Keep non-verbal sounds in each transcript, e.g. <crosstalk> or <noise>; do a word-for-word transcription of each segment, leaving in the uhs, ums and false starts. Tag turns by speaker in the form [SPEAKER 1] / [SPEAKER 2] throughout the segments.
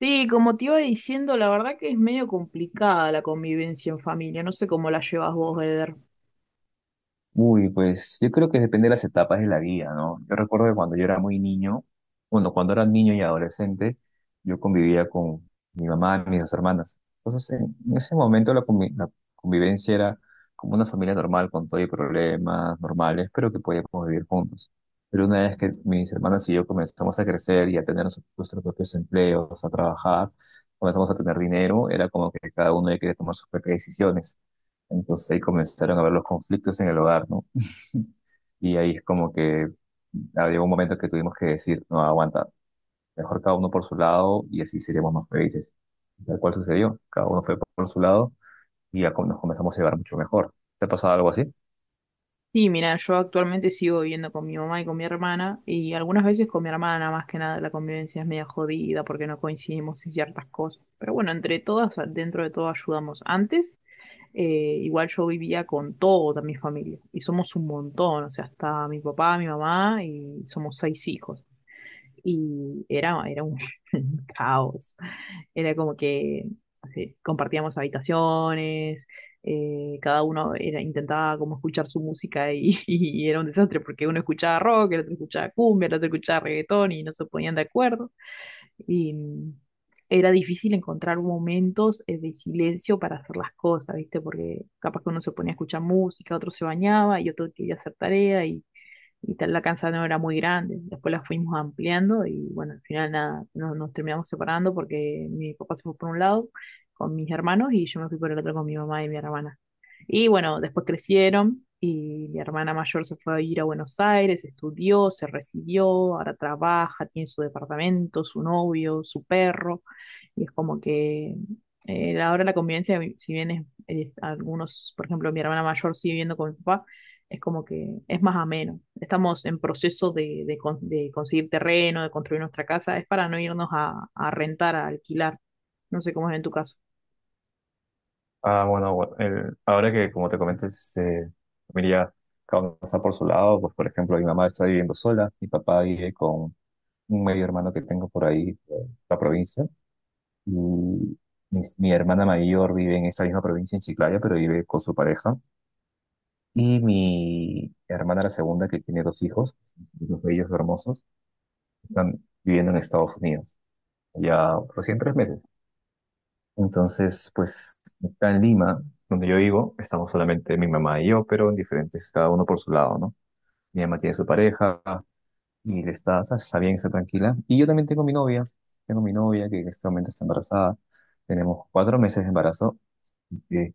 [SPEAKER 1] Sí, como te iba diciendo, la verdad que es medio complicada la convivencia en familia. No sé cómo la llevas vos, Eder.
[SPEAKER 2] Uy, pues yo creo que depende de las etapas de la vida, ¿no? Yo recuerdo que cuando yo era muy niño, bueno, cuando era niño y adolescente, yo convivía con mi mamá y mis dos hermanas. Entonces, en en ese momento la, convi- la convivencia era como una familia normal, con todo y problemas normales, pero que podíamos vivir juntos. Pero una vez que mis hermanas y yo comenzamos a crecer y a tener nos- nuestros propios empleos, a trabajar, comenzamos a tener dinero, era como que cada uno ya quería tomar sus propias decisiones. Entonces ahí comenzaron a haber los conflictos en el hogar, ¿no? Y ahí es como que había un momento que tuvimos que decir, no, aguanta, mejor cada uno por su lado y así seríamos más felices. Tal cual sucedió, cada uno fue por su lado y ya com- nos comenzamos a llevar mucho mejor. ¿Te ha pasado algo así?
[SPEAKER 1] Sí, mira, yo actualmente sigo viviendo con mi mamá y con mi hermana, y algunas veces con mi hermana, más que nada, la convivencia es media jodida porque no coincidimos en ciertas cosas. Pero bueno, entre todas, dentro de todo ayudamos. Antes, eh, igual yo vivía con toda mi familia, y somos un montón, o sea, hasta mi papá, mi mamá, y somos seis hijos. Y era, era un <laughs> caos. Era como que así, compartíamos habitaciones, eh, cada uno era, intentaba como escuchar su música y, <laughs> y era un desastre porque uno escuchaba rock, el otro escuchaba cumbia, el otro escuchaba reggaetón y no se ponían de acuerdo. Y mm, era difícil encontrar momentos eh, de silencio para hacer las cosas, ¿viste? Porque capaz que uno se ponía a escuchar música, otro se bañaba y otro quería hacer tarea y tal, la casa no era muy grande. Después la fuimos ampliando y bueno, al final nada, no- nos, terminamos separando porque mi papá se fue por un lado con mis hermanos y yo me fui por el otro con mi mamá y mi hermana. Y bueno, después crecieron y mi hermana mayor se fue a ir a Buenos Aires, estudió, se recibió, ahora trabaja, tiene su departamento, su novio, su perro. Y es como que eh, ahora la convivencia, si bien es, es algunos, por ejemplo, mi hermana mayor sigue viviendo con mi papá, es como que es más ameno. Estamos en proceso de, de con- de conseguir terreno, de construir nuestra casa, es para no irnos a, a rentar, a alquilar. No sé cómo es en tu caso.
[SPEAKER 2] Ah, bueno, bueno, el- ahora que como te comenté, este, mira, cada uno está por su lado, pues por ejemplo, mi mamá está viviendo sola, mi papá vive con un medio hermano que tengo por ahí, eh, en la provincia, y mis- mi hermana mayor vive en esta misma provincia, en Chiclayo, pero vive con su pareja. Y mi hermana, la segunda, que tiene dos hijos, dos bellos, hermosos, están viviendo en Estados Unidos, ya recién tres meses. Entonces, pues, acá en Lima, donde yo vivo, estamos solamente mi mamá y yo, pero en diferentes, cada uno por su lado, ¿no? Mi mamá tiene su pareja y le está, está bien, está tranquila. Y yo también tengo mi novia, tengo mi novia que en este momento está embarazada. Tenemos cuatro meses de embarazo y que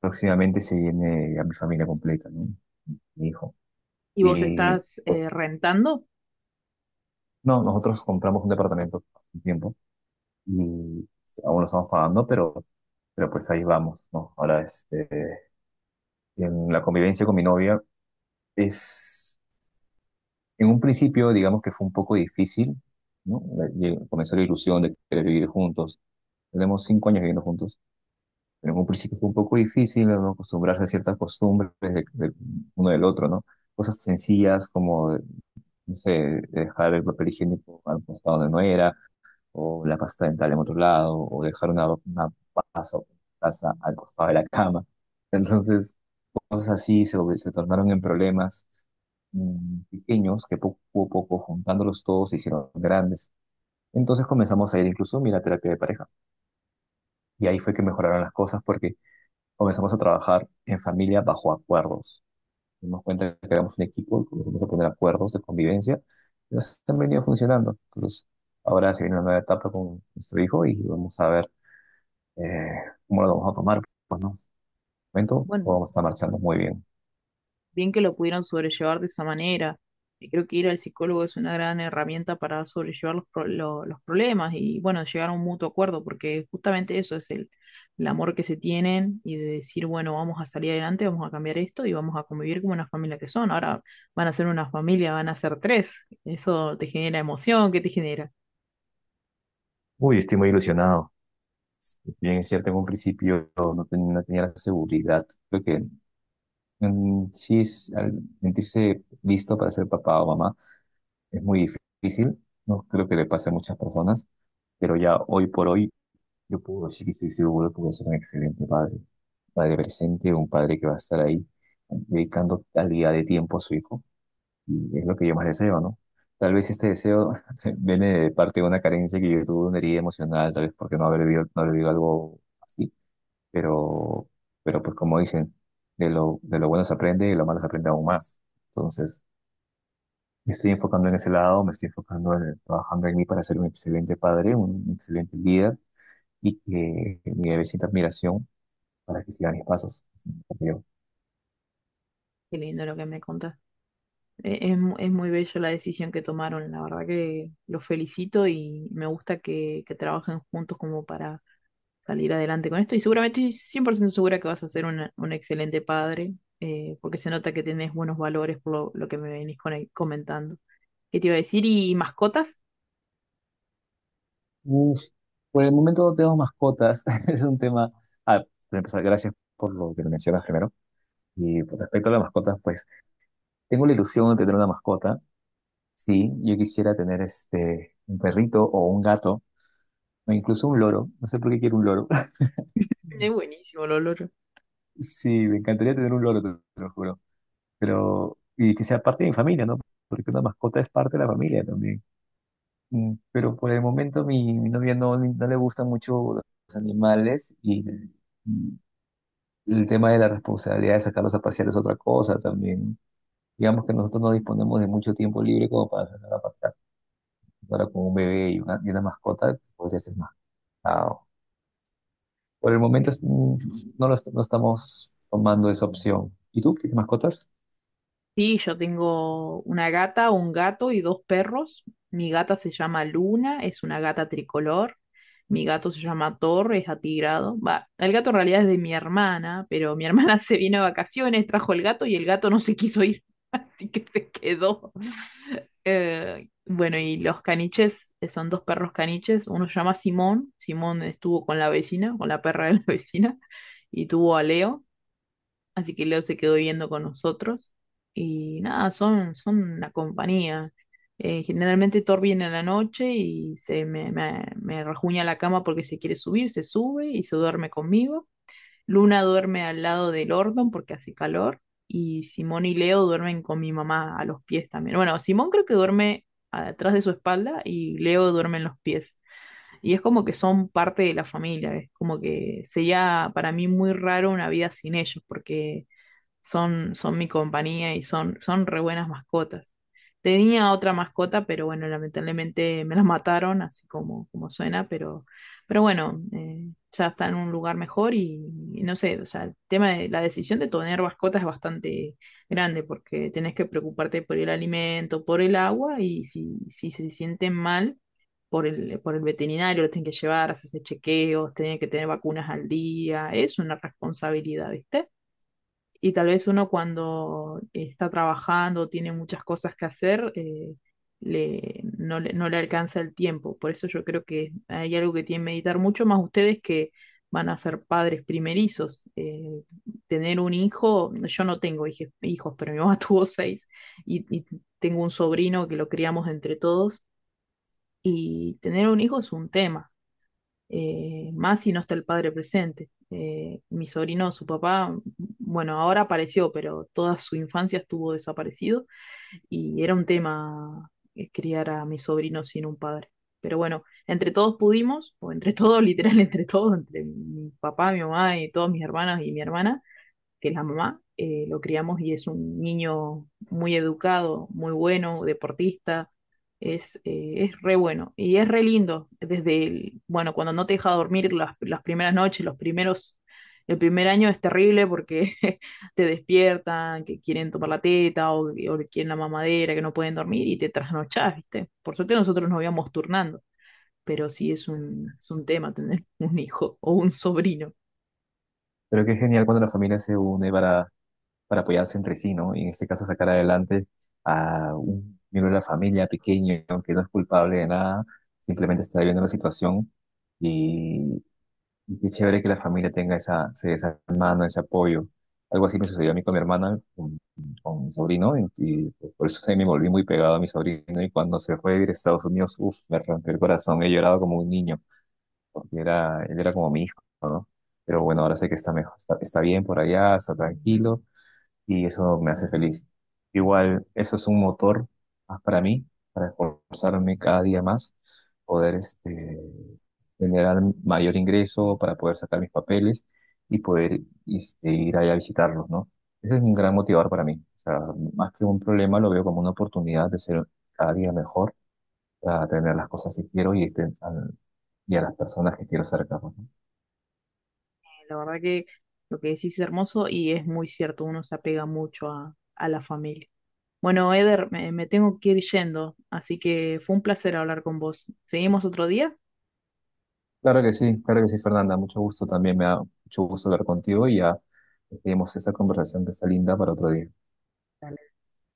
[SPEAKER 2] próximamente se viene a mi familia completa, ¿no? Mi hijo.
[SPEAKER 1] ¿Y vos
[SPEAKER 2] Y
[SPEAKER 1] estás eh,
[SPEAKER 2] pues
[SPEAKER 1] rentando?
[SPEAKER 2] no, nosotros compramos un departamento hace un tiempo y aún lo estamos pagando, pero, pero pues ahí vamos, ¿no? Ahora, este, en la convivencia con mi novia es, en un principio, digamos que fue un poco difícil, ¿no? Le- Comenzó la ilusión de querer vivir juntos. Tenemos cinco años viviendo juntos, pero en un principio fue un poco difícil, ¿no? Acostumbrarse a ciertas costumbres de- de uno del otro, ¿no? Cosas sencillas como, no sé, dejar el papel higiénico al costado donde no era o la pasta dental en otro lado, o dejar una, una pasta o taza al costado de la cama. Entonces, cosas así se, vol- se tornaron en problemas mm, pequeños que poco a poco, juntándolos todos, se hicieron grandes. Entonces comenzamos a ir incluso, mira, a terapia de pareja. Y ahí fue que mejoraron las cosas porque comenzamos a trabajar en familia bajo acuerdos. Nos dimos cuenta que éramos un equipo, comenzamos a poner acuerdos de convivencia y nos han venido funcionando. Entonces, ahora se viene una nueva etapa con nuestro hijo y vamos a ver. Eh, ¿Cómo lo vamos a tomar? ¿Por el momento o
[SPEAKER 1] Bueno,
[SPEAKER 2] vamos a estar marchando muy bien?
[SPEAKER 1] bien que lo pudieron sobrellevar de esa manera. Y creo que ir al psicólogo es una gran herramienta para sobrellevar los, pro- lo- los problemas y, bueno, llegar a un mutuo acuerdo, porque justamente eso es el, el amor que se tienen y de decir, bueno, vamos a salir adelante, vamos a cambiar esto y vamos a convivir como una familia que son. Ahora van a ser una familia, van a ser tres. Eso te genera emoción, ¿qué te genera?
[SPEAKER 2] Uy, estoy muy ilusionado. Si bien, es cierto, en un principio no, ten- no tenía la seguridad. Creo que mm, sí, es- al sentirse listo para ser papá o mamá es muy difícil. No creo que le pase a muchas personas, pero ya hoy por hoy yo puedo decir que estoy seguro que voy a ser un excelente padre. Padre presente, un padre que va a estar ahí dedicando calidad de tiempo a su hijo. Y es lo que yo más deseo, ¿no? Tal vez este deseo <laughs> viene de parte de una carencia que yo tuve, una herida emocional, tal vez porque no haber vivido, no haber vivido algo así, pero, pero pues como dicen, de lo, de lo bueno se aprende y de lo malo se aprende aún más. Entonces, me estoy enfocando en ese lado, me estoy enfocando en trabajando en mí para ser un excelente padre, un excelente líder y que mi bebé admiración para que sigan mis pasos.
[SPEAKER 1] Qué lindo lo que me contás. Eh, Es, mu- es muy bello la decisión que tomaron, la verdad que los felicito y me gusta que, que trabajen juntos como para salir adelante con esto y seguramente estoy cien por ciento segura que vas a ser una- un excelente padre, eh, porque se nota que tenés buenos valores por lo, lo que me venís con- eh, comentando. ¿Qué te iba a decir? ¿Y mascotas?
[SPEAKER 2] Uf, por el momento no tenemos mascotas. <laughs> Es un tema. Ah, para empezar, gracias por lo que me mencionas primero. Y por respecto a las mascotas, pues tengo la ilusión de tener una mascota. Sí, yo quisiera tener este, un perrito o un gato, o incluso un loro. No sé por qué quiero un loro. <laughs>
[SPEAKER 1] Es buenísimo, Lolo.
[SPEAKER 2] Sí, me encantaría tener un loro, te te lo juro. Pero, y que sea parte de mi familia, ¿no? Porque una mascota es parte de la familia también. Mm, Pero por el momento mi, mi novia no, no le gustan mucho los animales y, el tema de la responsabilidad de sacarlos a pasear es otra cosa también. Digamos que nosotros no disponemos de mucho tiempo libre como para sacar a pasear. Ahora con un bebé y una, y una mascota pues, podría ser más complicado. Por el momento es- mm, no, lo est- no estamos tomando esa opción. ¿Y tú, tienes mascotas?
[SPEAKER 1] Sí, yo tengo una gata, un gato y dos perros. Mi gata se llama Luna, es una gata tricolor. Mi gato se llama Thor, es atigrado. Va, el gato en realidad es de mi hermana, pero mi hermana <laughs> se vino a vacaciones, trajo el gato y el gato no se quiso ir, <laughs> así que se quedó. Eh, bueno, y los caniches, eh, son dos perros caniches. Uno se llama Simón, Simón estuvo con la vecina, con la perra de la <laughs> vecina, y tuvo a Leo. Así que Leo se quedó viviendo con nosotros y nada, son, son una compañía. Eh, generalmente Thor viene a la noche y se me, me, me rajuña la cama porque se quiere subir, se sube y se duerme conmigo. Luna duerme al lado del Ordon porque hace calor y Simón y Leo duermen con mi mamá a los pies también. Bueno, Simón creo que duerme atrás de su espalda y Leo duerme en los pies. Y es como que son parte de la familia, es como que sería para mí muy raro una vida sin ellos porque son, son mi compañía y son, son re buenas mascotas. Tenía otra mascota, pero bueno, lamentablemente me la mataron, así como, como suena, pero, pero bueno, eh, ya está en un lugar mejor y, y no sé, o sea, el tema de la decisión de tener mascotas es bastante grande porque tenés que preocuparte por el alimento, por el agua y si, si se sienten mal por el, por el veterinario, lo tienen que llevar, hacerse chequeos, tienen que tener vacunas al día, es una responsabilidad, ¿viste? Y tal vez uno cuando está trabajando, tiene muchas cosas que hacer, eh, le, no, le, no le alcanza el tiempo. Por eso yo creo que hay algo que tienen que meditar mucho más ustedes que van a ser padres primerizos. Eh, tener un hijo, yo no tengo hije- hijos, pero mi mamá <laughs> tuvo seis y, y tengo un sobrino que lo criamos entre todos. Y tener un hijo es un tema eh, más si no está el padre presente. Eh, mi sobrino, su papá, bueno, ahora apareció, pero toda su infancia estuvo desaparecido y era un tema eh, criar a mi sobrino sin un padre. Pero bueno, entre todos pudimos, o entre todos, <laughs> literal, entre todos, entre mi papá, mi mamá y todas mis hermanas y mi hermana, que es la mamá, eh, lo criamos y es un niño muy educado, muy bueno, deportista, es, eh, es re bueno y es re lindo desde el, bueno, cuando no te deja dormir las, las primeras noches, los primeros, el primer año es terrible porque <laughs> te despiertan, que quieren tomar la teta o, o quieren la mamadera, que no pueden dormir y te trasnochás, ¿viste? Por suerte nosotros nos íbamos turnando. Pero sí es un, es un tema tener <laughs> un hijo o un sobrino.
[SPEAKER 2] Pero qué genial cuando la familia se une para, para apoyarse entre sí, ¿no? Y en este caso sacar adelante a un miembro de la familia pequeño que no es culpable de nada, simplemente está viviendo la situación. Y qué chévere que la familia tenga esa, se- esa mano, ese apoyo. Algo así me sucedió a mí con mi hermana, con, con mi sobrino, y, y por eso también me volví muy pegado a mi sobrino. Y cuando se fue a vivir a Estados Unidos, uff, me rompió el corazón. He llorado como un niño, porque era, él era como mi hijo, ¿no? Pero bueno, ahora sé que está mejor, está, está bien por allá, está tranquilo y eso me hace feliz. Igual, eso es un motor más para mí, para esforzarme cada día más, poder este, generar mayor ingreso, para poder sacar mis papeles y poder este, ir allá a visitarlos, ¿no? Ese es un gran motivador para mí. O sea, más que un problema, lo veo como una oportunidad de ser cada día mejor, para tener las cosas que quiero y, este, al- y a las personas que quiero cerca, ¿no?
[SPEAKER 1] La verdad que lo que decís es hermoso y es muy cierto, uno se apega mucho a, a la familia. Bueno, Eder, me, me tengo que ir yendo, así que fue un placer hablar con vos. ¿Seguimos otro día?
[SPEAKER 2] Claro que sí, claro que sí, Fernanda. Mucho gusto también, me da mucho gusto hablar contigo y ya seguimos esta conversación que está linda para otro día.
[SPEAKER 1] Dale.